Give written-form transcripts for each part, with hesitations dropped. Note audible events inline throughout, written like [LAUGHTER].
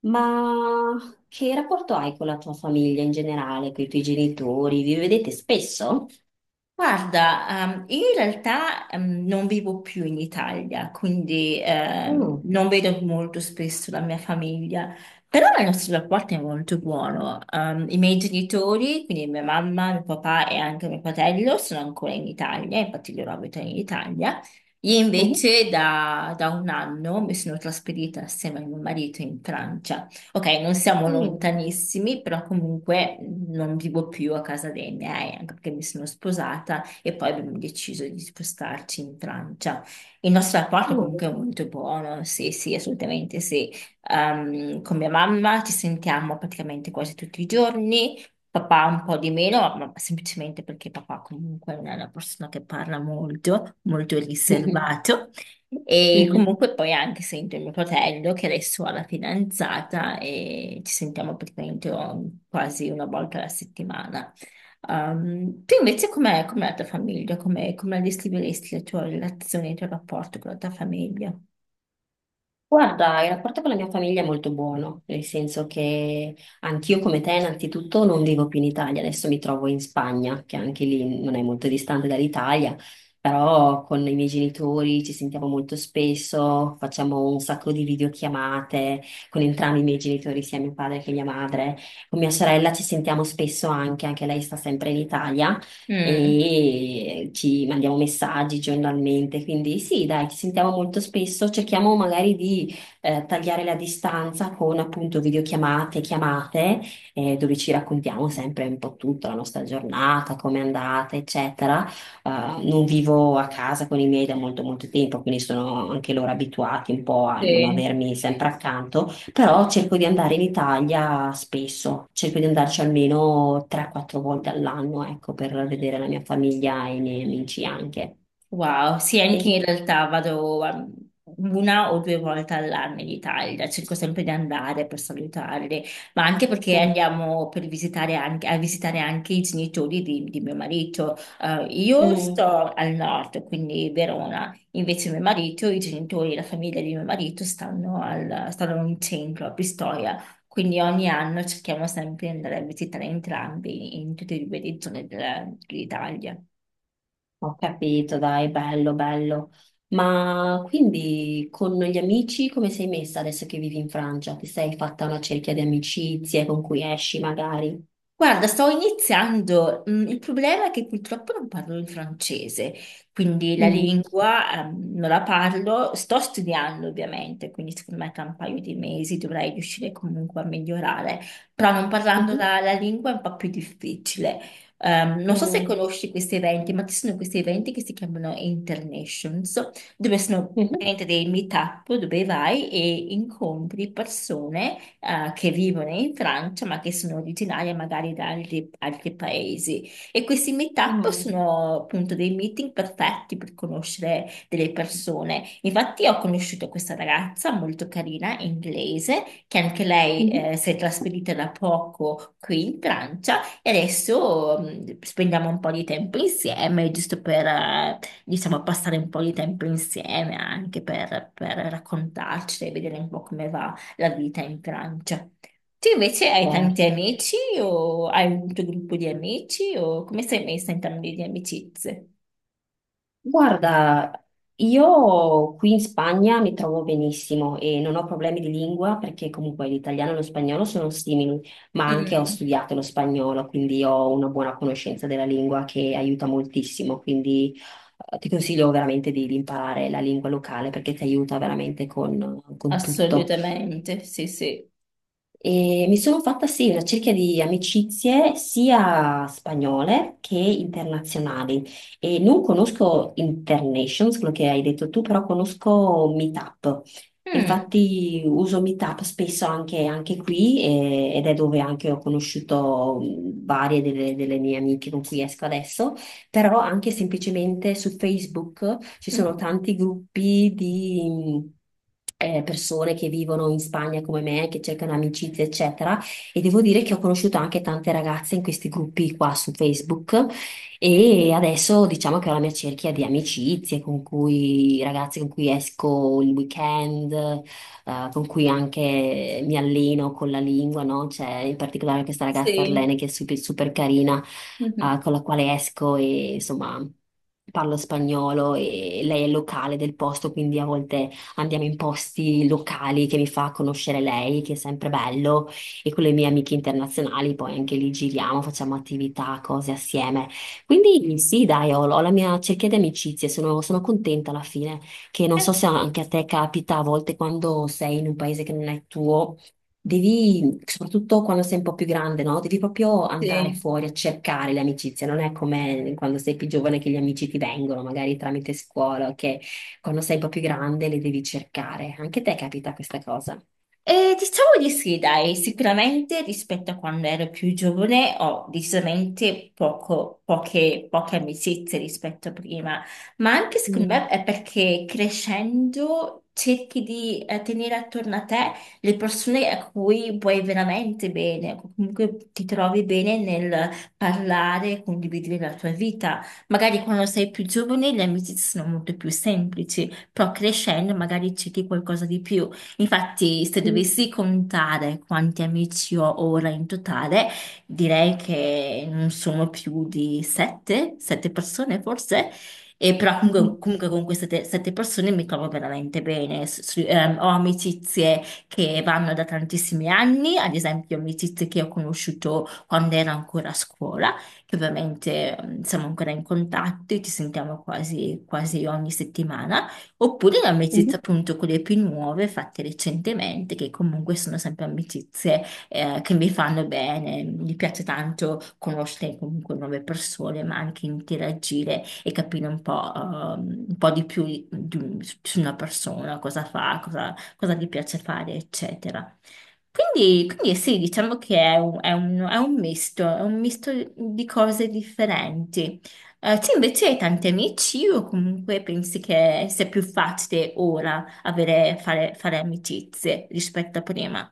Ma che rapporto hai con la tua famiglia in generale, con i tuoi genitori? Vi vedete spesso? Guarda, io in realtà non vivo più in Italia, quindi Mm. non vedo molto spesso la mia famiglia, però il nostro rapporto è molto buono. I miei genitori, quindi mia mamma, mio papà e anche mio fratello, sono ancora in Italia, infatti loro abitano in Italia. Io Mhm. invece da un anno mi sono trasferita assieme a mio marito in Francia. Ok, non siamo lontanissimi, però comunque non vivo più a casa dei miei, anche perché mi sono sposata e poi abbiamo deciso di spostarci in Francia. Il nostro rapporto comunque Mm. è molto buono, sì, sì, assolutamente sì. Con mia mamma ci sentiamo praticamente quasi tutti i giorni, papà un po' di meno, ma semplicemente perché papà comunque non è una persona che parla molto, molto riservato. E Mm. [LAUGHS] comunque poi anche sento mio fratello che adesso ha la fidanzata e ci sentiamo praticamente quasi una volta alla settimana. Tu invece com'è la tua famiglia? Come la descriveresti la tua relazione, il tuo rapporto con la tua famiglia? Guarda, il rapporto con la mia famiglia è molto buono, nel senso che anch'io come te innanzitutto non vivo più in Italia, adesso mi trovo in Spagna, che anche lì non è molto distante dall'Italia, però con i miei genitori ci sentiamo molto spesso, facciamo un sacco di videochiamate con entrambi i miei genitori, sia mio padre che mia madre, con mia sorella ci sentiamo spesso anche lei sta sempre in Italia Mm, e ci mandiamo messaggi giornalmente, quindi sì, dai, ci sentiamo molto spesso, cerchiamo magari di tagliare la distanza con appunto videochiamate, chiamate, dove ci raccontiamo sempre un po' tutta la nostra giornata, come è andata, eccetera. Eh, non vivo a casa con i miei da molto molto tempo, quindi sono anche loro abituati un po' a non sì. avermi sempre accanto. Però cerco di andare in Italia spesso, cerco di andarci almeno 3-4 volte all'anno, ecco, per vedere la mia famiglia e i miei amici anche. Wow, sì, anche E- in realtà vado una o due volte all'anno in Italia, cerco sempre di andare per salutarli, ma anche perché mm. andiamo per a visitare anche i genitori di mio marito. Io Mm. sto al nord, quindi Verona, invece mio marito, i genitori, la famiglia di mio marito stanno in centro, a Pistoia, quindi ogni anno cerchiamo sempre di andare a visitare entrambi in tutte e due le zone dell'Italia. Ho capito, dai, bello, bello. Ma quindi con gli amici come sei messa adesso che vivi in Francia? Ti sei fatta una cerchia di amicizie con cui esci magari? Guarda, sto iniziando. Il problema è che purtroppo non parlo il francese, quindi la Mm. lingua, non la parlo. Sto studiando ovviamente, quindi secondo me tra un paio di mesi dovrei riuscire comunque a migliorare, però non parlando Mhm. la lingua è un po' più difficile. Non so se Mm. conosci questi eventi, ma ci sono questi eventi che si chiamano Internations, dove sono Mhm. praticamente dei meet-up dove vai e incontri persone che vivono in Francia, ma che sono originarie magari da altri paesi. E questi meetup Mm. sono appunto dei meeting perfetti per conoscere delle persone. Infatti, ho conosciuto questa ragazza molto carina, inglese, che anche lei Mhm. Si è trasferita da poco qui in Francia e adesso spendiamo un po' di tempo insieme, giusto per, diciamo, passare un po' di tempo insieme anche per raccontarci e vedere un po' come va la vita in Francia. Tu invece hai tanti Certo. amici o hai un tuo gruppo di amici o come sei messa in termini di amicizie? Guarda, io qui in Spagna mi trovo benissimo e non ho problemi di lingua perché comunque l'italiano e lo spagnolo sono simili, ma anche ho Mm, studiato lo spagnolo, quindi ho una buona conoscenza della lingua che aiuta moltissimo, quindi ti consiglio veramente di imparare la lingua locale perché ti aiuta veramente con tutto. assolutamente, sì, sì. E mi sono fatta sì una cerchia di amicizie sia spagnole che internazionali e non conosco Internations, quello che hai detto tu, però conosco Meetup. Mm. Infatti uso Meetup spesso anche qui ed è dove anche ho conosciuto varie delle mie amiche con cui esco adesso però anche semplicemente su Facebook [LAUGHS] ci sono Mhm. tanti gruppi di persone che vivono in Spagna come me, che cercano amicizie, eccetera. E devo dire che ho conosciuto anche tante ragazze in questi gruppi qua su Facebook e adesso diciamo che ho la mia cerchia di amicizie con cui, ragazze con cui esco il weekend con cui anche mi alleno con la lingua, no? C'è in particolare questa ragazza Sì. Arlene che è super, super carina, Mhm, con la quale esco e insomma parlo spagnolo e lei è locale del posto, quindi a volte andiamo in posti locali che mi fa conoscere lei, che è sempre bello, e con le mie amiche internazionali poi anche lì giriamo, facciamo attività, cose assieme. Quindi sì, dai, ho la mia cerchia di amicizie, sono contenta alla fine che non eh, so se anche a te capita a volte quando sei in un paese che non è tuo, devi, soprattutto quando sei un po' più grande, no? Devi proprio andare sì. fuori a cercare le amicizie, non è come quando sei più giovane che gli amici ti vengono, magari tramite scuola, che quando sei un po' più grande le devi cercare. Anche a te capita questa cosa. E diciamo di sì, dai, sicuramente rispetto a quando ero più giovane ho decisamente poche amicizie rispetto a prima, ma anche secondo me Mm. è perché crescendo cerchi di tenere attorno a te le persone a cui vuoi veramente bene, comunque ti trovi bene nel parlare, condividere la tua vita. Magari quando sei più giovane le amicizie sono molto più semplici, però crescendo magari cerchi qualcosa di più. Infatti, se dovessi contare quanti amici ho ora in totale, direi che non sono più di sette persone forse, e però comunque, Mhm. comunque con queste sette persone mi trovo veramente bene. Ho amicizie che vanno da tantissimi anni, ad esempio amicizie che ho conosciuto quando ero ancora a scuola, che ovviamente siamo ancora in contatto e ci sentiamo quasi quasi ogni settimana. Oppure l'amicizia Mhm. appunto con le più nuove fatte recentemente, che comunque sono sempre amicizie che mi fanno bene. Mi piace tanto conoscere comunque nuove persone, ma anche interagire e capire un po' di più su una persona, cosa fa, cosa gli piace fare, eccetera. Quindi sì, diciamo che è un misto di cose differenti. Te invece hai tanti amici o comunque pensi che sia più facile ora avere, fare amicizie rispetto a prima?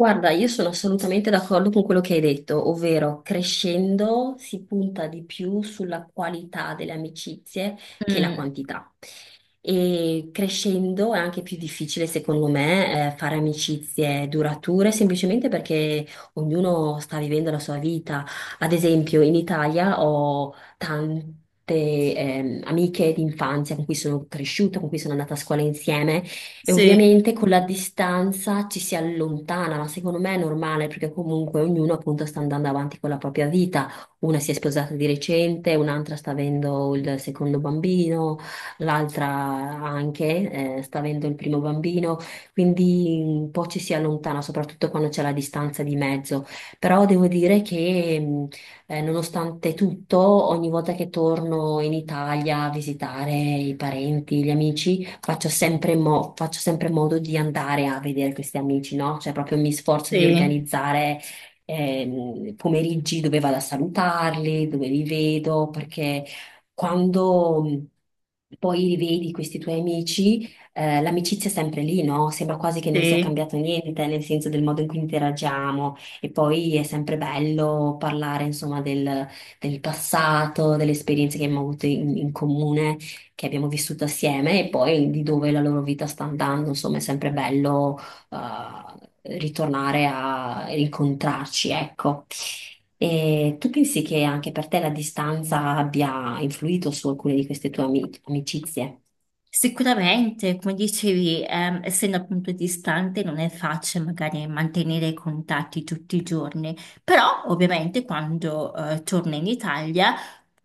Guarda, io sono assolutamente d'accordo con quello che hai detto, ovvero crescendo si punta di più sulla qualità delle amicizie che la Mm, quantità. E crescendo è anche più difficile, secondo me, fare amicizie durature, semplicemente perché ognuno sta vivendo la sua vita. Ad esempio, in Italia ho tante amiche d'infanzia con cui sono cresciuta, con cui sono andata a scuola insieme e sì, ovviamente con la distanza ci si allontana, ma secondo me è normale perché comunque ognuno appunto sta andando avanti con la propria vita. Una si è sposata di recente, un'altra sta avendo il secondo bambino l'altra anche sta avendo il primo bambino, quindi un po' ci si allontana, soprattutto quando c'è la distanza di mezzo. Però devo dire che nonostante tutto, ogni volta che torno in Italia a visitare i parenti, gli amici, faccio sempre, faccio sempre modo di andare a vedere questi amici, no? Cioè proprio mi sforzo di sì, organizzare pomeriggi dove vado a salutarli, dove li vedo, perché quando poi li vedi questi tuoi amici, l'amicizia è sempre lì, no? Sembra quasi che non sia sì. cambiato niente, nel senso del modo in cui interagiamo. E poi è sempre bello parlare, insomma, del passato, delle esperienze che abbiamo avuto in comune, che abbiamo vissuto assieme e poi di dove la loro vita sta andando. Insomma, è sempre bello ritornare a incontrarci, ecco. E tu pensi che anche per te la distanza abbia influito su alcune di queste tue amicizie? Sicuramente, come dicevi, essendo appunto distante non è facile magari mantenere i contatti tutti i giorni, però ovviamente quando torno in Italia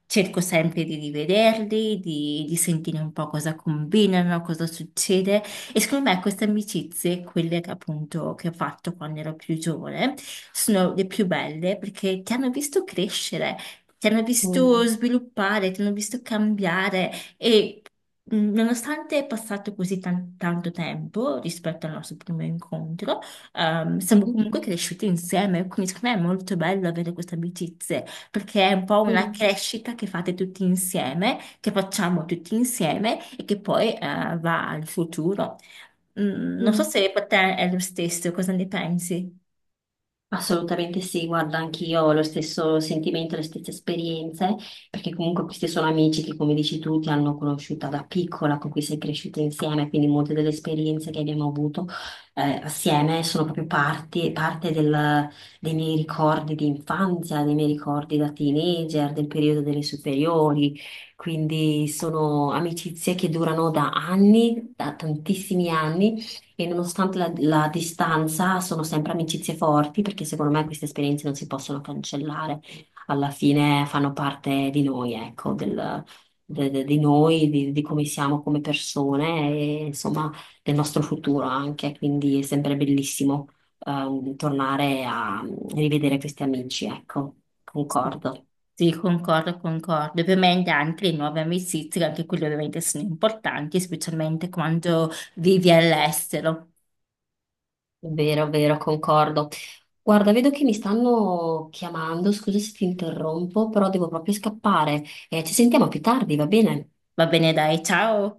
cerco sempre di rivederli, di sentire un po' cosa combinano, cosa succede e secondo me queste amicizie, quelle che appunto che ho fatto quando ero più giovane, sono le più belle perché ti hanno visto crescere, ti hanno visto Mm. sviluppare, ti hanno visto cambiare. E nonostante è passato così tanto tempo rispetto al nostro primo incontro, siamo Mhm. comunque cresciuti insieme, quindi secondo me è molto bello avere queste amicizie, perché è un po' una Mm. crescita che fate tutti insieme, che facciamo tutti insieme e che poi, va al futuro. Non so Mm. se per te è lo stesso, cosa ne pensi? Assolutamente sì, guarda, anch'io ho lo stesso sentimento, le stesse esperienze, perché comunque questi sono amici che, come dici tu, ti hanno conosciuta da piccola, con cui sei cresciuta insieme, quindi molte delle esperienze che abbiamo avuto assieme sono proprio parte dei miei ricordi di infanzia, dei miei ricordi da teenager, del periodo delle superiori, quindi sono amicizie che durano da anni, da tantissimi anni e nonostante la distanza, sono sempre amicizie forti perché secondo me queste esperienze non si possono cancellare. Alla fine fanno parte di noi, ecco, di noi, di come siamo come persone e insomma del nostro futuro anche. Quindi è sempre bellissimo, tornare a rivedere questi amici, ecco, Sì, concordo. sì, concordo, concordo. Ovviamente anche le nuove amicizie, anche quelle ovviamente sono importanti, specialmente quando vivi all'estero. Vero, vero, concordo. Guarda, vedo che mi stanno chiamando, scusa se ti interrompo, però devo proprio scappare. Ci sentiamo più tardi, va bene? Va bene, dai, ciao.